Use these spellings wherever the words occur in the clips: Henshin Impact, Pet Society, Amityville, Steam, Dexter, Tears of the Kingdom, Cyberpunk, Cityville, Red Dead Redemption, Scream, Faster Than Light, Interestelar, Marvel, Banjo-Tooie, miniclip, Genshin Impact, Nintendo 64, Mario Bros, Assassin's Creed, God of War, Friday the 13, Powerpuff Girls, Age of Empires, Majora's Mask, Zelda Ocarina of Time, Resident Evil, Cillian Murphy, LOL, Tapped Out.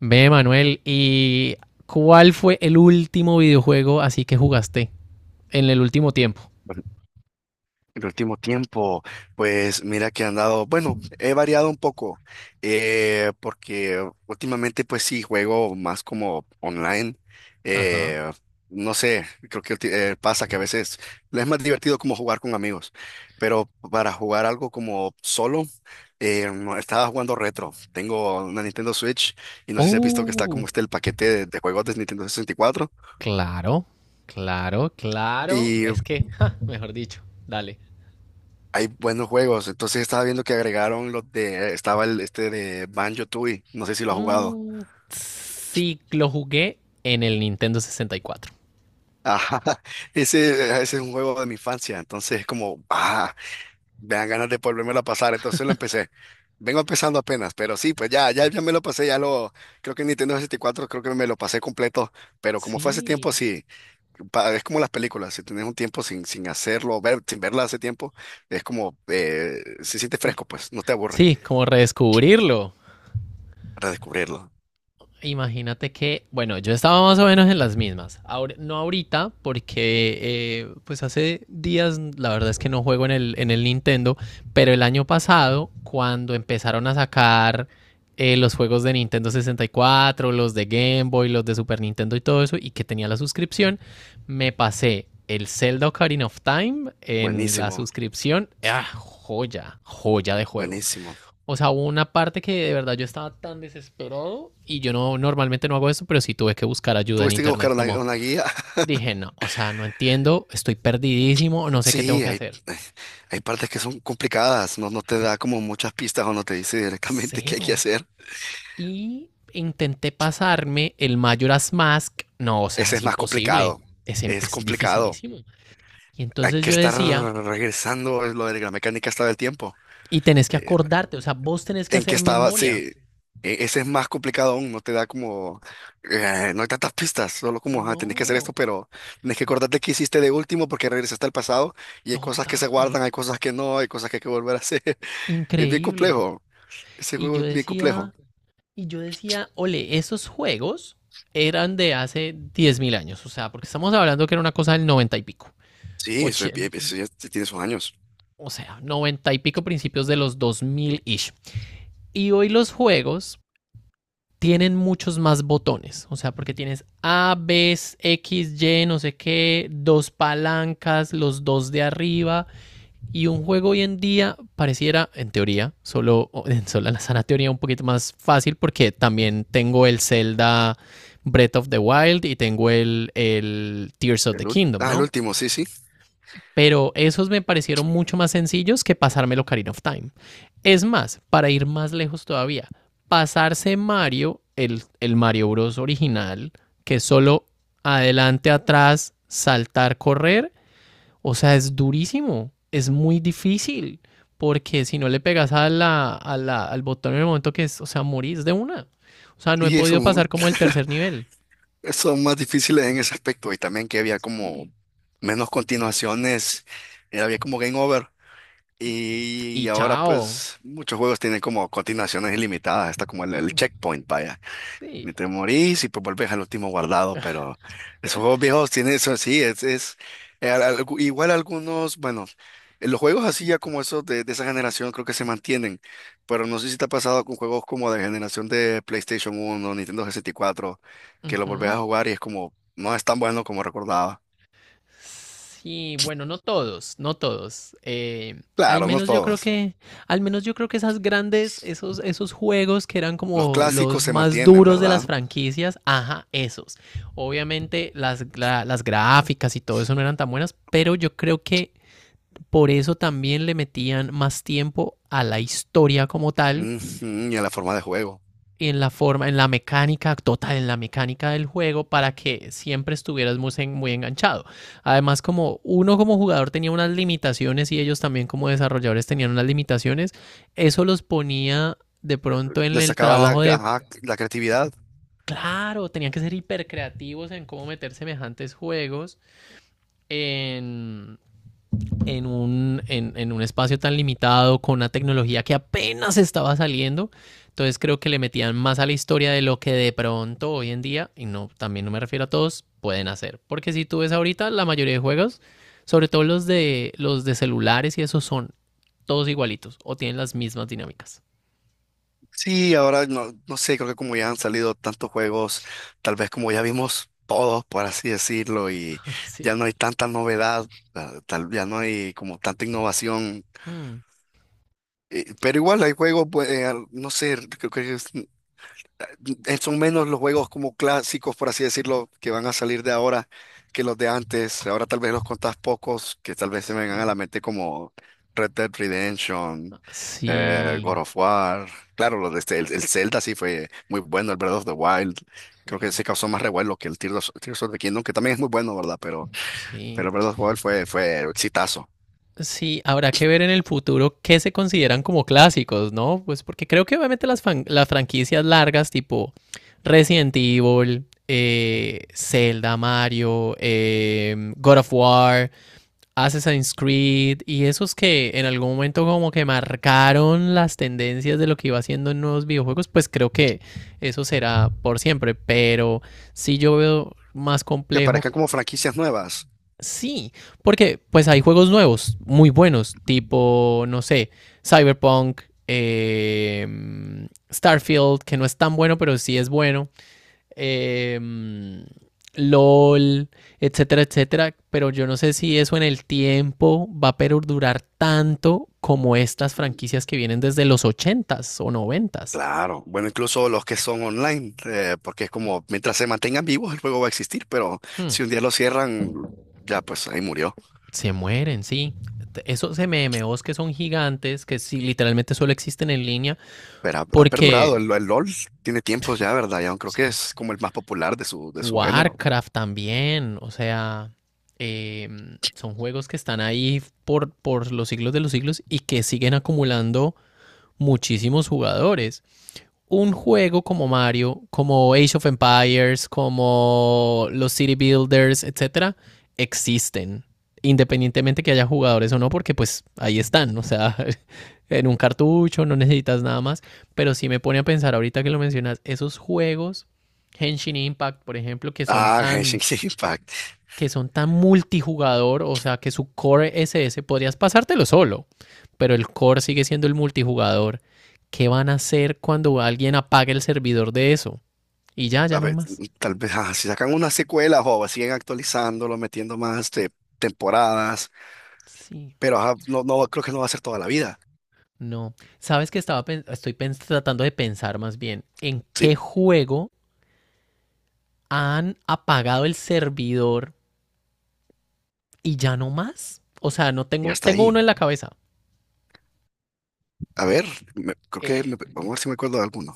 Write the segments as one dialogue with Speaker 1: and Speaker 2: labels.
Speaker 1: Ve, Manuel, ¿y cuál fue el último videojuego así que jugaste en el último tiempo?
Speaker 2: Pues el último tiempo, pues mira que he andado, bueno, he variado un poco, porque últimamente pues sí juego más como online,
Speaker 1: Ajá.
Speaker 2: eh, no sé, pasa que a veces es más divertido como jugar con amigos, pero para jugar algo como solo, no, estaba jugando retro, tengo una Nintendo Switch y no sé si has visto que está como
Speaker 1: Oh,
Speaker 2: este el paquete de juegos de Nintendo 64.
Speaker 1: claro, claro, claro. Es que, ja, mejor dicho, dale.
Speaker 2: Hay buenos juegos. Entonces estaba viendo que agregaron los de, estaba el este de Banjo-Tooie. No sé si lo has jugado.
Speaker 1: Mm, sí, lo jugué en el Nintendo 64.
Speaker 2: Ajá. Ese, ese es un juego de mi infancia. Entonces es como, ah, me dan ganas de volvérmelo a pasar. Entonces lo empecé. Vengo empezando apenas, pero sí, pues ya me lo pasé, creo que en Nintendo sesenta y cuatro, creo que me lo pasé completo, pero como fue hace tiempo,
Speaker 1: Sí.
Speaker 2: sí, es como las películas, si tienes un tiempo sin hacerlo, sin verla hace tiempo, es como, se siente fresco, pues, no te aburre
Speaker 1: Sí, como redescubrirlo.
Speaker 2: redescubrirlo.
Speaker 1: Imagínate que, bueno, yo estaba más o menos en las mismas. No ahorita, porque pues hace días la verdad es que no juego en el Nintendo, pero el año pasado, cuando empezaron a sacar los juegos de Nintendo 64, los de Game Boy, los de Super Nintendo y todo eso, y que tenía la suscripción, me pasé el Zelda Ocarina of Time en la
Speaker 2: Buenísimo.
Speaker 1: suscripción. Ah, joya, joya de juego.
Speaker 2: Buenísimo.
Speaker 1: O sea, hubo una parte que de verdad yo estaba tan desesperado y yo no normalmente no hago eso, pero sí tuve que buscar ayuda en
Speaker 2: Tuviste que
Speaker 1: internet.
Speaker 2: buscar una,
Speaker 1: Como
Speaker 2: una guía.
Speaker 1: dije, no, o sea, no entiendo, estoy perdidísimo, no sé qué tengo
Speaker 2: Sí,
Speaker 1: que hacer.
Speaker 2: eh, hay partes que son complicadas, no, no te da como muchas pistas o no te dice directamente qué hay que
Speaker 1: Cero.
Speaker 2: hacer.
Speaker 1: Y intenté pasarme el Majora's Mask. No, o sea,
Speaker 2: Ese
Speaker 1: es
Speaker 2: es más
Speaker 1: imposible.
Speaker 2: complicado,
Speaker 1: Es,
Speaker 2: es
Speaker 1: es
Speaker 2: complicado.
Speaker 1: dificilísimo. Y
Speaker 2: Hay
Speaker 1: entonces
Speaker 2: que
Speaker 1: yo
Speaker 2: estar
Speaker 1: decía,
Speaker 2: regresando, es lo de la mecánica está del tiempo.
Speaker 1: y tenés que
Speaker 2: Eh,
Speaker 1: acordarte, o sea, vos tenés que
Speaker 2: ¿En qué
Speaker 1: hacer
Speaker 2: estaba?
Speaker 1: memoria.
Speaker 2: Sí, ese es más complicado aún, no te da como, no hay tantas pistas, solo como, ah, tenés que hacer esto,
Speaker 1: No,
Speaker 2: pero tenés que acordarte qué hiciste de último porque regresaste al pasado y hay cosas que se
Speaker 1: total,
Speaker 2: guardan, hay cosas que no, hay cosas que hay que volver a hacer. Es bien
Speaker 1: increíble.
Speaker 2: complejo. Ese
Speaker 1: Y
Speaker 2: juego
Speaker 1: yo
Speaker 2: es bien complejo.
Speaker 1: decía, Y yo decía, ole, esos juegos eran de hace 10.000 años, o sea, porque estamos hablando que era una cosa del 90 y pico,
Speaker 2: Sí, eso,
Speaker 1: oche-
Speaker 2: eso ya tiene sus años.
Speaker 1: o sea, 90 y pico, principios de los dos mil ish. Y hoy los juegos tienen muchos más botones, o sea, porque tienes A, B, X, Y, no sé qué, dos palancas, los dos de arriba. Y un juego hoy en día pareciera, en teoría, solo en sola la sana teoría, un poquito más fácil, porque también tengo el Zelda Breath of the Wild y tengo el Tears of the Kingdom,
Speaker 2: El
Speaker 1: ¿no?
Speaker 2: último, sí, sí.
Speaker 1: Pero esos me parecieron mucho más sencillos que pasarme el Ocarina of Time. Es más, para ir más lejos todavía, pasarse Mario, el Mario Bros original, que es solo adelante, atrás, saltar, correr, o sea, es durísimo, es muy difícil, porque si no le pegas a la, al botón en el momento que es, o sea, morís de una. O sea, no he
Speaker 2: Sí, eso,
Speaker 1: podido pasar como el tercer nivel.
Speaker 2: son más difíciles en ese aspecto. Y también que había
Speaker 1: Y,
Speaker 2: como menos continuaciones. Había como game over. Y
Speaker 1: y
Speaker 2: ahora
Speaker 1: chao.
Speaker 2: pues muchos juegos tienen como continuaciones ilimitadas. Está como el
Speaker 1: Mm,
Speaker 2: checkpoint, vaya. Ni
Speaker 1: sí.
Speaker 2: te morís y pues volvés al último guardado, pero esos juegos viejos tienen eso, sí, igual algunos, bueno, los juegos así ya como esos de esa generación creo que se mantienen, pero no sé si te ha pasado con juegos como de generación de PlayStation uno Nintendo 64, que los volvés a
Speaker 1: Ujú.
Speaker 2: jugar y es como, no es tan bueno como recordaba.
Speaker 1: Sí, bueno, no todos, no todos. Al
Speaker 2: Claro, no
Speaker 1: menos yo creo
Speaker 2: todos.
Speaker 1: que, al menos yo creo que esas grandes, esos juegos que eran
Speaker 2: Los
Speaker 1: como
Speaker 2: clásicos
Speaker 1: los
Speaker 2: se
Speaker 1: más
Speaker 2: mantienen,
Speaker 1: duros de las
Speaker 2: ¿verdad?
Speaker 1: franquicias, ajá, esos. Obviamente las, las gráficas y todo eso no eran tan buenas, pero yo creo que por eso también le metían más tiempo a la historia como tal,
Speaker 2: Ujú, y en la forma de juego.
Speaker 1: en la forma, en la mecánica total, en la mecánica del juego, para que siempre estuvieras muy, muy enganchado. Además, como uno como jugador tenía unas limitaciones y ellos también como desarrolladores tenían unas limitaciones, eso los ponía de pronto en
Speaker 2: Le
Speaker 1: el
Speaker 2: sacabas la,
Speaker 1: trabajo de,
Speaker 2: ajá, la creatividad.
Speaker 1: claro, tenían que ser hipercreativos en cómo meter semejantes juegos en en un espacio tan limitado, con una tecnología que apenas estaba saliendo. Entonces creo que le metían más a la historia de lo que de pronto hoy en día, y no, también no me refiero a todos, pueden hacer. Porque si tú ves ahorita, la mayoría de juegos, sobre todo los de celulares, y esos son todos igualitos o tienen las mismas dinámicas.
Speaker 2: Sí, ahora no, no sé, creo que como ya han salido tantos juegos, tal vez como ya vimos todos, por así decirlo, y
Speaker 1: Sí.
Speaker 2: ya no hay tanta novedad, ya no hay como tanta innovación,
Speaker 1: Mm,
Speaker 2: pero igual hay juegos, pues, no sé, son menos los juegos como clásicos, por así decirlo, que van a salir de ahora que los de antes. Ahora tal vez los contás pocos, que tal vez se me vengan a la
Speaker 1: sí.
Speaker 2: mente como Red Dead Redemption, God
Speaker 1: Sí.
Speaker 2: of War. Claro, los de el Zelda sí fue muy bueno, el Breath of the Wild. Creo que
Speaker 1: Sí.
Speaker 2: se causó más revuelo que el Tears of the Kingdom, que también es muy bueno, ¿verdad?
Speaker 1: Sí.
Speaker 2: Pero el Breath of the Wild fue exitazo.
Speaker 1: Sí, habrá que ver en el futuro qué se consideran como clásicos, ¿no? Pues porque creo que obviamente las, las franquicias largas, tipo Resident Evil, Zelda, Mario, God of War, Assassin's Creed y esos, que en algún momento como que marcaron las tendencias de lo que iba haciendo en nuevos videojuegos, pues creo que eso será por siempre, pero sí yo veo más
Speaker 2: Que
Speaker 1: complejo.
Speaker 2: aparezcan como franquicias nuevas.
Speaker 1: Sí, porque pues hay juegos nuevos, muy buenos, tipo, no sé, Cyberpunk, eh, Starfield, que no es tan bueno, pero sí es bueno, eh, LOL, etcétera, etcétera. Pero yo no sé si eso en el tiempo va a perdurar tanto como estas franquicias que vienen desde los ochentas o noventas.
Speaker 2: Claro, bueno, incluso los que son online, porque es como mientras se mantengan vivos el juego va a existir, pero
Speaker 1: Hmm,
Speaker 2: si un día lo cierran, ya pues ahí murió.
Speaker 1: Se mueren, sí. Esos MMOs que son gigantes, que sí, literalmente solo existen en línea,
Speaker 2: Pero ha perdurado,
Speaker 1: porque...
Speaker 2: el LOL tiene tiempos ya, ¿verdad? Ya creo que
Speaker 1: Sí.
Speaker 2: es como el más popular de de su género.
Speaker 1: Warcraft también, o sea, son juegos que están ahí por los siglos de los siglos y que siguen acumulando muchísimos jugadores. Un juego como Mario, como Age of Empires, como los City Builders, etcétera, existen, independientemente que haya jugadores o no, porque pues ahí están, o sea, en un cartucho, no necesitas nada más. Pero sí me pone a pensar ahorita que lo mencionas, esos juegos, Henshin Impact, por ejemplo, que son
Speaker 2: Ah,
Speaker 1: tan
Speaker 2: Genshin Impact.
Speaker 1: que son tan multijugador, o sea que su core SS podrías pasártelo solo, pero el core sigue siendo el multijugador. ¿Qué van a hacer cuando alguien apague el servidor de eso? Y ya,
Speaker 2: A
Speaker 1: ya no hay
Speaker 2: ver,
Speaker 1: más.
Speaker 2: tal vez si sacan una secuela o siguen actualizándolo, metiendo más este, temporadas,
Speaker 1: Sí,
Speaker 2: pero ajá, no, no creo que no va a ser toda la vida.
Speaker 1: no. Sabes que estoy tratando de pensar más bien en qué
Speaker 2: Sí,
Speaker 1: juego han apagado el servidor y ya no más. O sea, no
Speaker 2: y
Speaker 1: tengo,
Speaker 2: hasta
Speaker 1: tengo uno
Speaker 2: ahí.
Speaker 1: en la cabeza.
Speaker 2: A ver,
Speaker 1: Eh,
Speaker 2: vamos a ver si me acuerdo de alguno.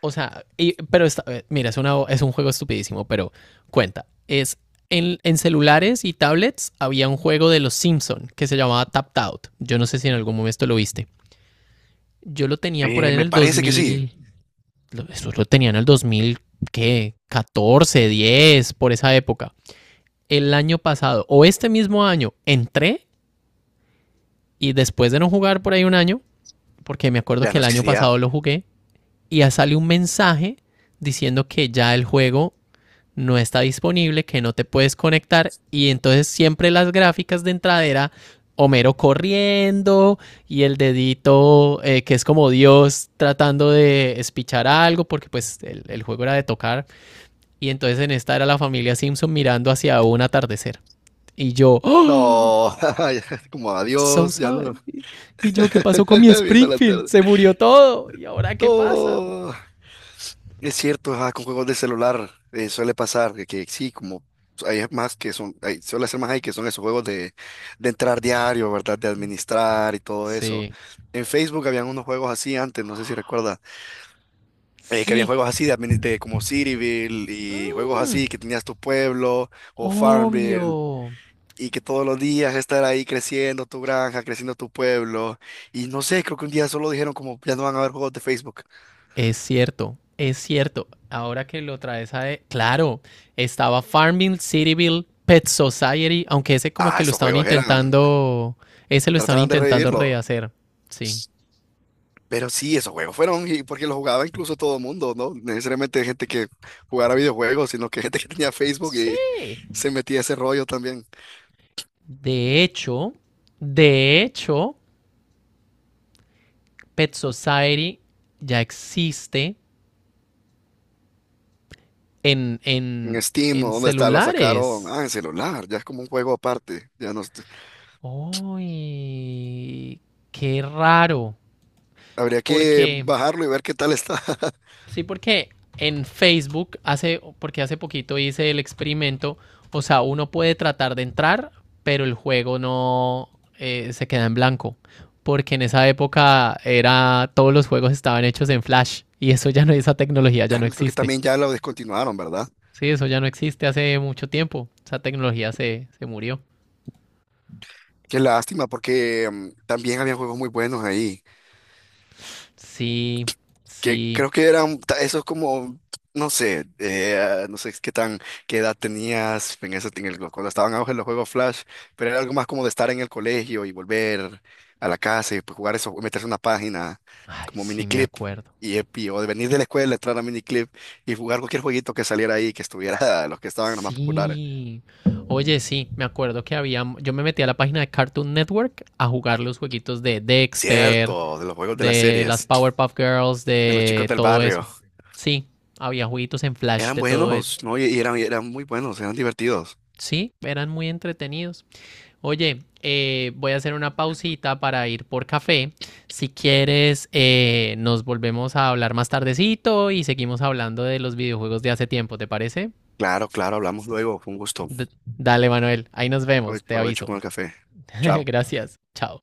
Speaker 1: O sea, pero mira, es un juego estupidísimo, pero cuenta. Es En celulares y tablets había un juego de los Simpson que se llamaba Tapped Out. Yo no sé si en algún momento lo viste. Yo lo tenía por ahí en
Speaker 2: Me
Speaker 1: el
Speaker 2: parece que sí.
Speaker 1: 2000. Eso lo tenía en el 2000, ¿qué? 14, 10, por esa época. El año pasado, o este mismo año, entré, y después de no jugar por ahí un año, porque me acuerdo
Speaker 2: Ya
Speaker 1: que
Speaker 2: no
Speaker 1: el
Speaker 2: es que
Speaker 1: año
Speaker 2: sea.
Speaker 1: pasado lo jugué, y ya sale un mensaje diciendo que ya el juego no está disponible, que no te puedes conectar. Y entonces, siempre las gráficas de entrada era Homero corriendo y el dedito, que es como Dios tratando de espichar algo, porque pues el juego era de tocar. Y entonces, en esta era la familia Simpson mirando hacia un atardecer, y yo, ¡oh!,
Speaker 2: No, como
Speaker 1: so
Speaker 2: adiós, ya
Speaker 1: sad.
Speaker 2: no.
Speaker 1: Y yo, ¿qué pasó con mi
Speaker 2: Viendo la
Speaker 1: Springfield?
Speaker 2: tarde.
Speaker 1: Se murió todo. Y ahora, ¿qué pasa?
Speaker 2: No, es cierto, ajá, con juegos de celular suele pasar que sí, como hay más que son, hay- suele ser más ahí que son esos juegos de entrar diario, ¿verdad? De administrar y todo eso.
Speaker 1: Sí,
Speaker 2: En Facebook habían unos juegos así antes, no sé si recuerdas, que habían
Speaker 1: sí.
Speaker 2: juegos así de como Cityville y juegos
Speaker 1: Mm,
Speaker 2: así que tenías tu pueblo o Farmville.
Speaker 1: obvio.
Speaker 2: Y que todos los días estar ahí creciendo tu granja, creciendo tu pueblo. Y no sé, creo que un día solo dijeron como ya no van a haber juegos de Facebook.
Speaker 1: Es cierto, es cierto. Ahora que lo traes a... Claro, estaba Farmville, Cityville, Pet Society, aunque ese como
Speaker 2: Ah,
Speaker 1: que lo
Speaker 2: esos
Speaker 1: estaban
Speaker 2: juegos eran,
Speaker 1: intentando... Ese lo estaban
Speaker 2: trataban de
Speaker 1: intentando
Speaker 2: revivirlo.
Speaker 1: rehacer. Sí.
Speaker 2: Pero sí, esos juegos fueron, y porque los jugaba incluso todo el mundo, ¿no? No necesariamente gente que jugara videojuegos, sino que gente que tenía Facebook y
Speaker 1: Sí.
Speaker 2: se metía a ese rollo también.
Speaker 1: De hecho, de hecho, Pet Society ya existe en,
Speaker 2: En
Speaker 1: en,
Speaker 2: Steam,
Speaker 1: en
Speaker 2: ¿o dónde está? Lo sacaron, ah,
Speaker 1: celulares.
Speaker 2: en celular, ya es como un juego aparte. Ya no, est-
Speaker 1: ¡Uy! ¡Qué raro!
Speaker 2: habría que
Speaker 1: Porque...
Speaker 2: bajarlo y ver qué tal está.
Speaker 1: Sí, porque en Facebook porque hace poquito hice el experimento, o sea, uno puede tratar de entrar, pero el juego no, se queda en blanco, porque en esa época era todos los juegos estaban hechos en Flash, y eso ya no, esa tecnología ya
Speaker 2: Ya
Speaker 1: no
Speaker 2: creo que
Speaker 1: existe.
Speaker 2: también ya lo descontinuaron, ¿verdad?
Speaker 1: Sí, eso ya no existe hace mucho tiempo. Esa tecnología se murió.
Speaker 2: Qué lástima, porque también había juegos muy buenos ahí,
Speaker 1: Sí,
Speaker 2: que
Speaker 1: sí.
Speaker 2: creo que esos como, no sé, no sé qué edad tenías en ese, cuando estaban en auge los juegos Flash, pero era algo más como de estar en el colegio y volver a la casa y pues, jugar eso, meterse en una página
Speaker 1: Ay,
Speaker 2: como
Speaker 1: sí me
Speaker 2: miniclip
Speaker 1: acuerdo.
Speaker 2: o de venir de la escuela, entrar a miniclip y jugar cualquier jueguito que saliera ahí, los que estaban los más populares.
Speaker 1: Sí. Oye, sí, me acuerdo que yo me metí a la página de Cartoon Network a jugar los jueguitos de Dexter,
Speaker 2: Cierto, de los juegos de las
Speaker 1: de las
Speaker 2: series,
Speaker 1: Powerpuff Girls,
Speaker 2: de los chicos
Speaker 1: de
Speaker 2: del
Speaker 1: todo
Speaker 2: barrio.
Speaker 1: eso. Sí, había jueguitos en Flash
Speaker 2: Eran
Speaker 1: de todo eso.
Speaker 2: buenos, ¿no? Y eran muy buenos, eran divertidos.
Speaker 1: Sí, eran muy entretenidos. Oye, voy a hacer una pausita para ir por café. Si quieres, nos volvemos a hablar más tardecito y seguimos hablando de los videojuegos de hace tiempo, ¿te parece?
Speaker 2: Claro, claro, hablamos luego. Fue un gusto.
Speaker 1: Dale, Manuel, ahí nos vemos, te
Speaker 2: Provecho
Speaker 1: aviso.
Speaker 2: con el café. Chao.
Speaker 1: Gracias. Chao.